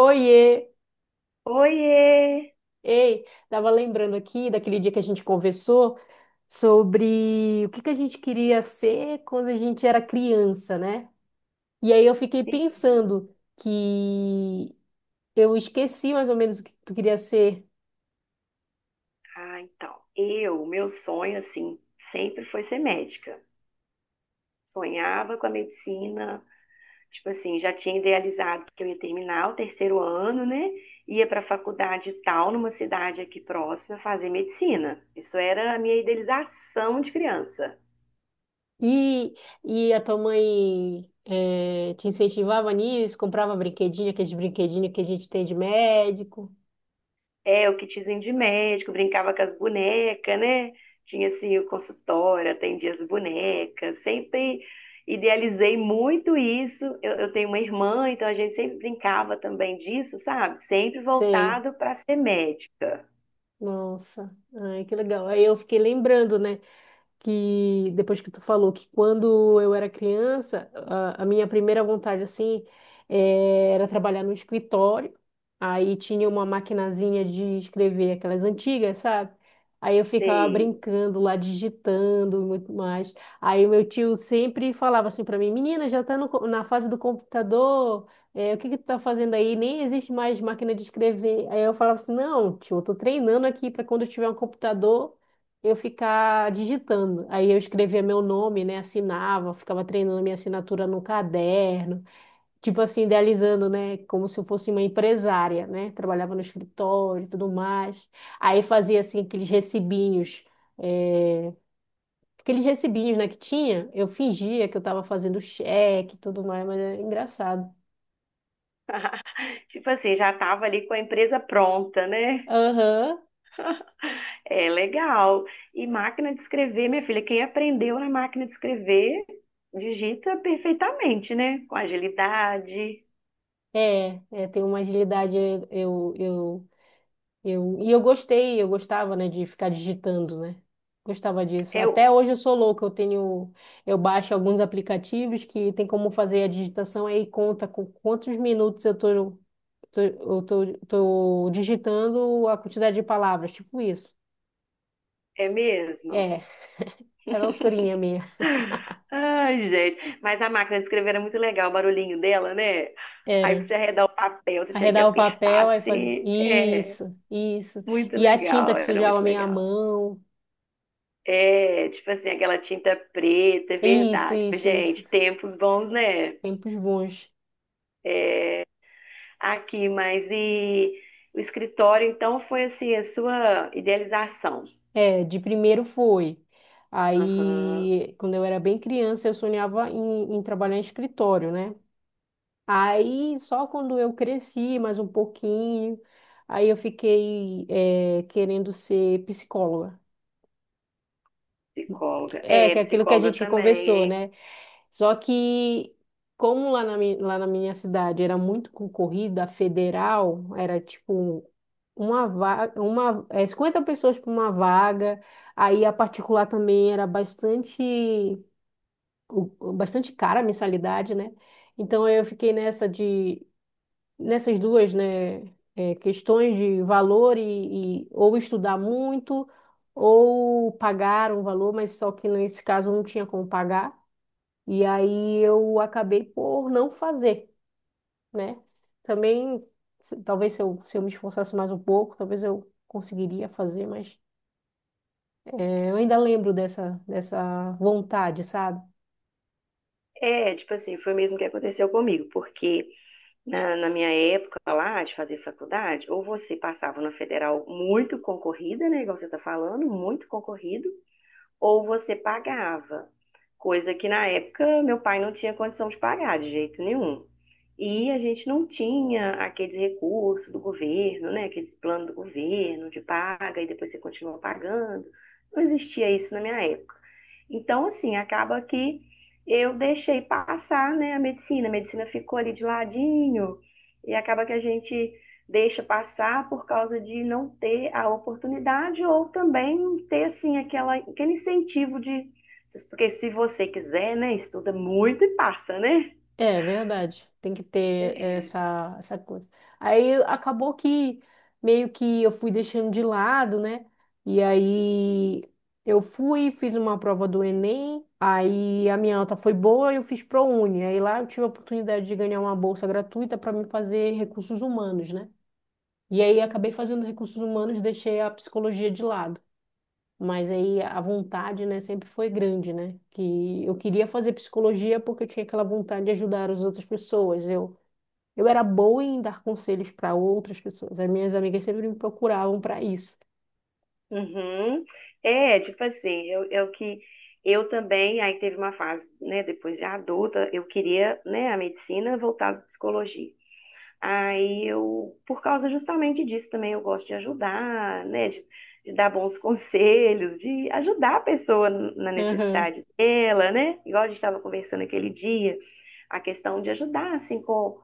Oiê! Oiê! Ei, tava lembrando aqui daquele dia que a gente conversou sobre o que que a gente queria ser quando a gente era criança, né? E aí eu fiquei Sim. pensando que eu esqueci mais ou menos o que tu queria ser. Ah, então, meu sonho, assim, sempre foi ser médica. Sonhava com a medicina, tipo assim, já tinha idealizado que eu ia terminar o terceiro ano, né? Ia para a faculdade tal, numa cidade aqui próxima, fazer medicina. Isso era a minha idealização de criança. E, e a tua mãe te incentivava nisso, comprava brinquedinho, aqueles brinquedinhos que a gente tem de médico. É, o kitzinho de médico, brincava com as bonecas, né? Tinha assim o consultório, atendia as bonecas, sempre idealizei muito isso. Eu tenho uma irmã, então a gente sempre brincava também disso, sabe? Sempre Sei. voltado para ser médica. Nossa, ai, que legal. Aí eu fiquei lembrando, né? Que depois que tu falou que quando eu era criança, a minha primeira vontade assim era trabalhar no escritório. Aí tinha uma maquinazinha de escrever aquelas antigas, sabe? Aí eu ficava Sei. brincando lá, digitando e muito mais. Aí o meu tio sempre falava assim para mim, menina, já tá no co- na fase do computador, o que que tu tá fazendo aí? Nem existe mais máquina de escrever. Aí eu falava assim, não, tio, eu tô treinando aqui para quando eu tiver um computador eu ficar digitando. Aí eu escrevia meu nome, né? Assinava, ficava treinando minha assinatura no caderno, tipo assim, idealizando, né? Como se eu fosse uma empresária, né? Trabalhava no escritório e tudo mais. Aí fazia assim aqueles recibinhos, é, aqueles recibinhos, né, que tinha, eu fingia que eu estava fazendo cheque e tudo mais, mas é engraçado. Tipo assim, já estava ali com a empresa pronta, né? Aham. É legal. E máquina de escrever, minha filha, quem aprendeu na máquina de escrever digita perfeitamente, né? Com agilidade. Tenho uma agilidade, eu gostei, eu gostava, né, de ficar digitando, né? Gostava disso. É, Até hoje eu sou louca, eu tenho, eu baixo alguns aplicativos que tem como fazer a digitação aí conta com quantos minutos eu tô, tô digitando a quantidade de palavras, tipo isso. é mesmo? É, é loucurinha minha. Ai, gente. Mas a máquina de escrever era muito legal, o barulhinho dela, né? Aí pra Era. você arredar o papel, você tinha que Arredava o apertar papel, aí fazia assim. É, isso, isso. muito E a tinta legal, que era sujava a muito minha legal. mão. É, tipo assim, aquela tinta preta, é Isso, verdade. isso, isso. Gente, tempos bons, né? Tempos bons. Aqui, mas e o escritório, então, foi assim, a sua idealização. É, de primeiro foi. Aham, Aí, quando eu era bem criança, eu sonhava em trabalhar em escritório, né? Aí, só quando eu cresci mais um pouquinho, aí eu fiquei, é, querendo ser psicóloga. psicóloga. É, É, que é aquilo que a psicóloga gente também, conversou, hein? né? Só que, como lá na, lá na minha cidade era muito concorrida, a federal, era tipo uma vaga, uma, é, 50 pessoas para uma vaga. Aí a particular também era bastante, bastante cara a mensalidade, né? Então eu fiquei nessa de, nessas duas, né, é, questões de valor e ou estudar muito ou pagar um valor, mas só que nesse caso eu não tinha como pagar. E aí eu acabei por não fazer, né? Também, talvez se eu me esforçasse mais um pouco, talvez eu conseguiria fazer, mas é, eu ainda lembro dessa vontade, sabe? É, tipo assim, foi mesmo que aconteceu comigo, porque na minha época lá de fazer faculdade, ou você passava na federal muito concorrida, né, igual você está falando, muito concorrido, ou você pagava, coisa que na época meu pai não tinha condição de pagar de jeito nenhum. E a gente não tinha aqueles recursos do governo, né? Aqueles planos do governo de paga e depois você continua pagando. Não existia isso na minha época. Então, assim, acaba que eu deixei passar, né, a medicina. A medicina ficou ali de ladinho e acaba que a gente deixa passar por causa de não ter a oportunidade ou também ter assim aquela, aquele incentivo de porque se você quiser, né, estuda muito e passa, né? É verdade, tem que ter essa coisa. Aí acabou que meio que eu fui deixando de lado, né? E aí eu fui, fiz uma prova do Enem, aí a minha nota foi boa e eu fiz ProUni. Aí lá eu tive a oportunidade de ganhar uma bolsa gratuita para me fazer recursos humanos, né? E aí acabei fazendo recursos humanos, deixei a psicologia de lado. Mas aí a vontade, né, sempre foi grande, né? Que eu queria fazer psicologia porque eu tinha aquela vontade de ajudar as outras pessoas. Eu era boa em dar conselhos para outras pessoas. As minhas amigas sempre me procuravam para isso. Uhum. É, tipo assim, eu que eu também, aí teve uma fase, né, depois de adulta, eu queria, né, a medicina voltada à psicologia. Aí eu, por causa justamente disso também, eu gosto de ajudar, né? De dar bons conselhos, de ajudar a pessoa na Aham. necessidade dela, né? Igual a gente estava conversando aquele dia, a questão de ajudar, assim, com.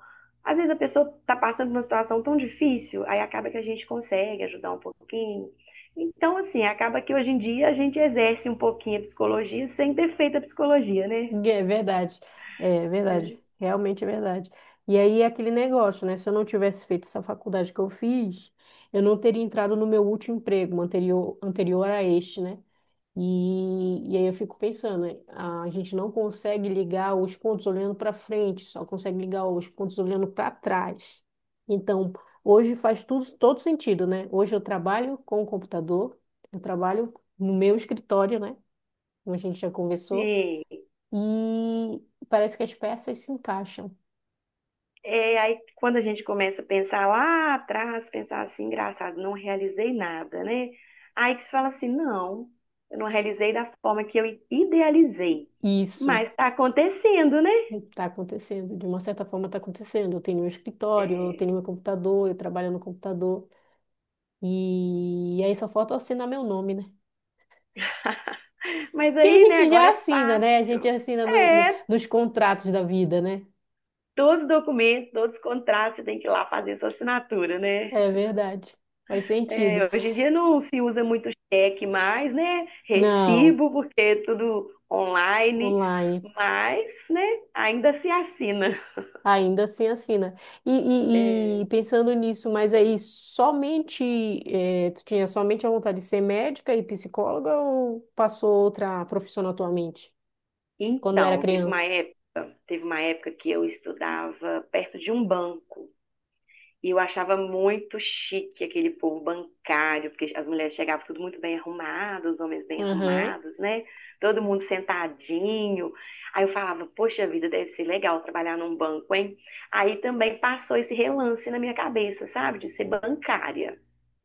Às vezes a pessoa está passando por uma situação tão difícil, aí acaba que a gente consegue ajudar um pouquinho. Então, assim, acaba que hoje em dia a gente exerce um pouquinho a psicologia sem ter feito a psicologia, né? É verdade. É verdade. É. Realmente é verdade. E aí é aquele negócio, né? Se eu não tivesse feito essa faculdade que eu fiz, eu não teria entrado no meu último emprego, anterior, anterior a este, né? E aí eu fico pensando, né, a gente não consegue ligar os pontos olhando para frente, só consegue ligar os pontos olhando para trás. Então, hoje faz tudo, todo sentido, né? Hoje eu trabalho com o computador, eu trabalho no meu escritório, né? Como a gente já conversou, Sim. e parece que as peças se encaixam. É, aí quando a gente começa a pensar lá atrás, pensar assim, engraçado, não realizei nada, né? Aí que você fala assim, não, eu não realizei da forma que eu idealizei, Isso mas tá acontecendo, né? está acontecendo, de uma certa forma está acontecendo. Eu tenho meu escritório, eu É, tenho meu computador, eu trabalho no computador, e aí só falta eu assinar meu nome, né? mas Que a aí, né, gente agora já é assina, né? A gente fácil. assina É, nos contratos da vida, né? todos os documentos, todos os contratos, você tem que ir lá fazer sua assinatura, né? É verdade. Faz sentido. É, hoje em dia não se usa muito cheque mais, né? Não, Recibo, porque é tudo online, online. mas, né, ainda se assina. Ainda assim assina. E, e- É, e pensando nisso, mas aí somente, tu tinha somente a vontade de ser médica e psicóloga ou passou outra profissão atualmente, quando era então, criança? Teve uma época que eu estudava perto de um banco e eu achava muito chique aquele povo bancário, porque as mulheres chegavam tudo muito bem arrumadas, os homens bem Aham. arrumados, né? Todo mundo sentadinho. Aí eu falava, poxa vida, deve ser legal trabalhar num banco, hein? Aí também passou esse relance na minha cabeça, sabe? De ser bancária.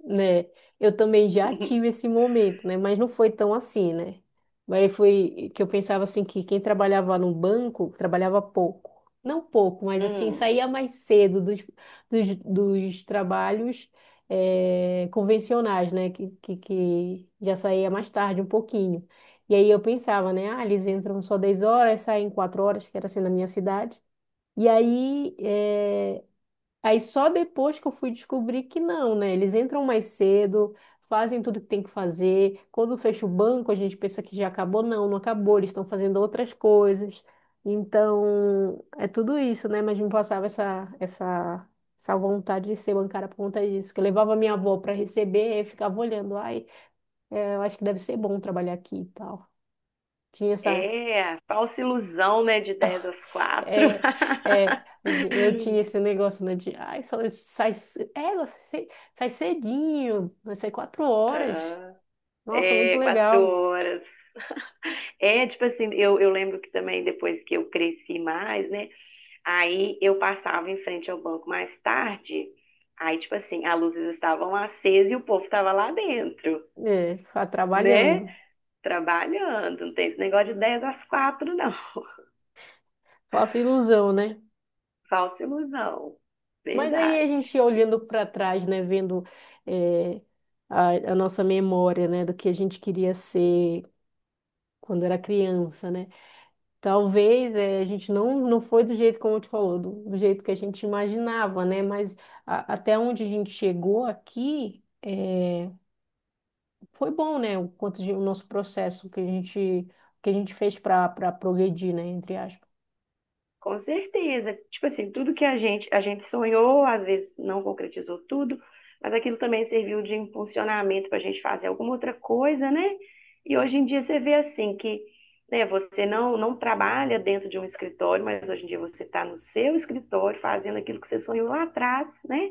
Né? Eu também já tive esse momento, né? Mas não foi tão assim, né? Mas foi que eu pensava assim que quem trabalhava no banco trabalhava pouco. Não pouco, mas assim, Hum, saía mais cedo dos trabalhos convencionais, né? Que já saía mais tarde um pouquinho. E aí eu pensava, né? Ah, eles entram só 10 horas, saem 4 horas, que era assim na minha cidade. E aí, aí só depois que eu fui descobrir que não, né? Eles entram mais cedo, fazem tudo que tem que fazer. Quando fecha o banco, a gente pensa que já acabou. Não, não acabou, eles estão fazendo outras coisas. Então, é tudo isso, né? Mas me passava essa vontade de ser bancária por conta disso. Que eu levava minha avó para receber e ficava olhando. Ai, é, eu acho que deve ser bom trabalhar aqui e tal. Tinha essa. é, falsa ilusão, né? De 10 às quatro. É, eu tinha esse negócio, né, de, ai, só sai, você sai, sai cedinho, vai sair quatro horas. Ah, Nossa, muito é, quatro legal. horas. É, tipo assim, eu lembro que também depois que eu cresci mais, né? Aí eu passava em frente ao banco mais tarde. Aí, tipo assim, as luzes estavam acesas e o povo estava lá dentro, É, tá né? trabalhando. Trabalhando. Não tem esse negócio de 10 às 4 não. Falsa ilusão, né? Falsa ilusão. Mas aí a gente Verdade. olhando para trás, né, vendo é, a nossa memória, né, do que a gente queria ser quando era criança, né? Talvez a gente não foi do jeito como tu falou, do jeito que a gente imaginava, né? Mas até onde a gente chegou aqui, foi bom, né? O quanto de, o nosso processo que a gente fez para progredir, né? Entre aspas. Com certeza. Tipo assim, tudo que a gente sonhou, às vezes não concretizou tudo, mas aquilo também serviu de impulsionamento para a gente fazer alguma outra coisa, né? E hoje em dia você vê assim que, né, você não, não trabalha dentro de um escritório, mas hoje em dia você está no seu escritório fazendo aquilo que você sonhou lá atrás, né?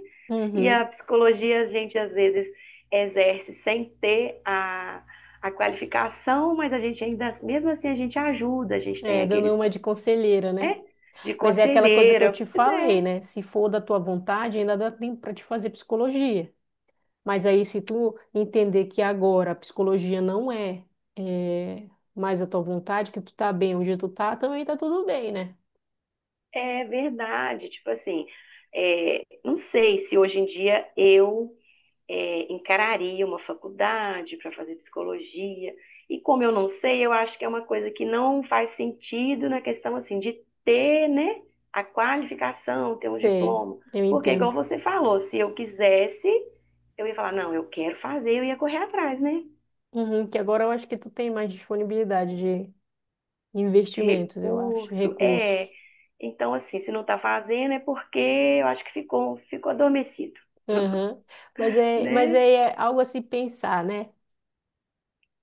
E a Uhum. psicologia a gente às vezes exerce sem ter a qualificação, mas a gente ainda, mesmo assim, a gente ajuda, a gente tem É, dando aqueles uma de conselheira, né? é, de Mas é aquela coisa que eu conselheira. te Pois falei, é, né? Se for da tua vontade, ainda dá tempo para te fazer psicologia. Mas aí, se tu entender que agora a psicologia não é, mais a tua vontade, que tu tá bem onde tu tá, também tá tudo bem, né? é verdade. Tipo assim, é, não sei se hoje em dia eu é, encararia uma faculdade para fazer psicologia. E como eu não sei, eu acho que é uma coisa que não faz sentido na questão assim de ter, né, a qualificação, ter um Sei, diploma. eu Porque, igual entendo. você falou, se eu quisesse, eu ia falar, não, eu quero fazer, eu ia correr atrás, né? Uhum, que agora eu acho que tu tem mais disponibilidade de De investimentos, eu acho, recurso. É. recursos. Então, assim, se não está fazendo é porque eu acho que ficou, ficou adormecido, Uhum. Mas é, mas né? é algo a se pensar, né?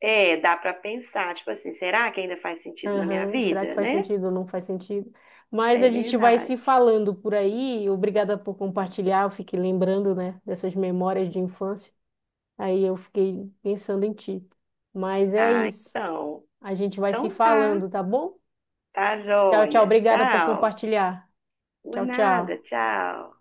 É, dá para pensar, tipo assim, será que ainda faz sentido na minha Aham, será que vida, faz né? sentido ou não faz sentido? Mas a É gente vai se verdade. falando por aí. Obrigada por compartilhar. Eu fiquei lembrando, né, dessas memórias de infância. Aí eu fiquei pensando em ti. Mas é Ah, isso. então. A gente vai se Então tá. falando, tá bom? Tá Tchau, tchau. joia. Obrigada por Tchau. compartilhar. Por Tchau, nada, tchau. tchau.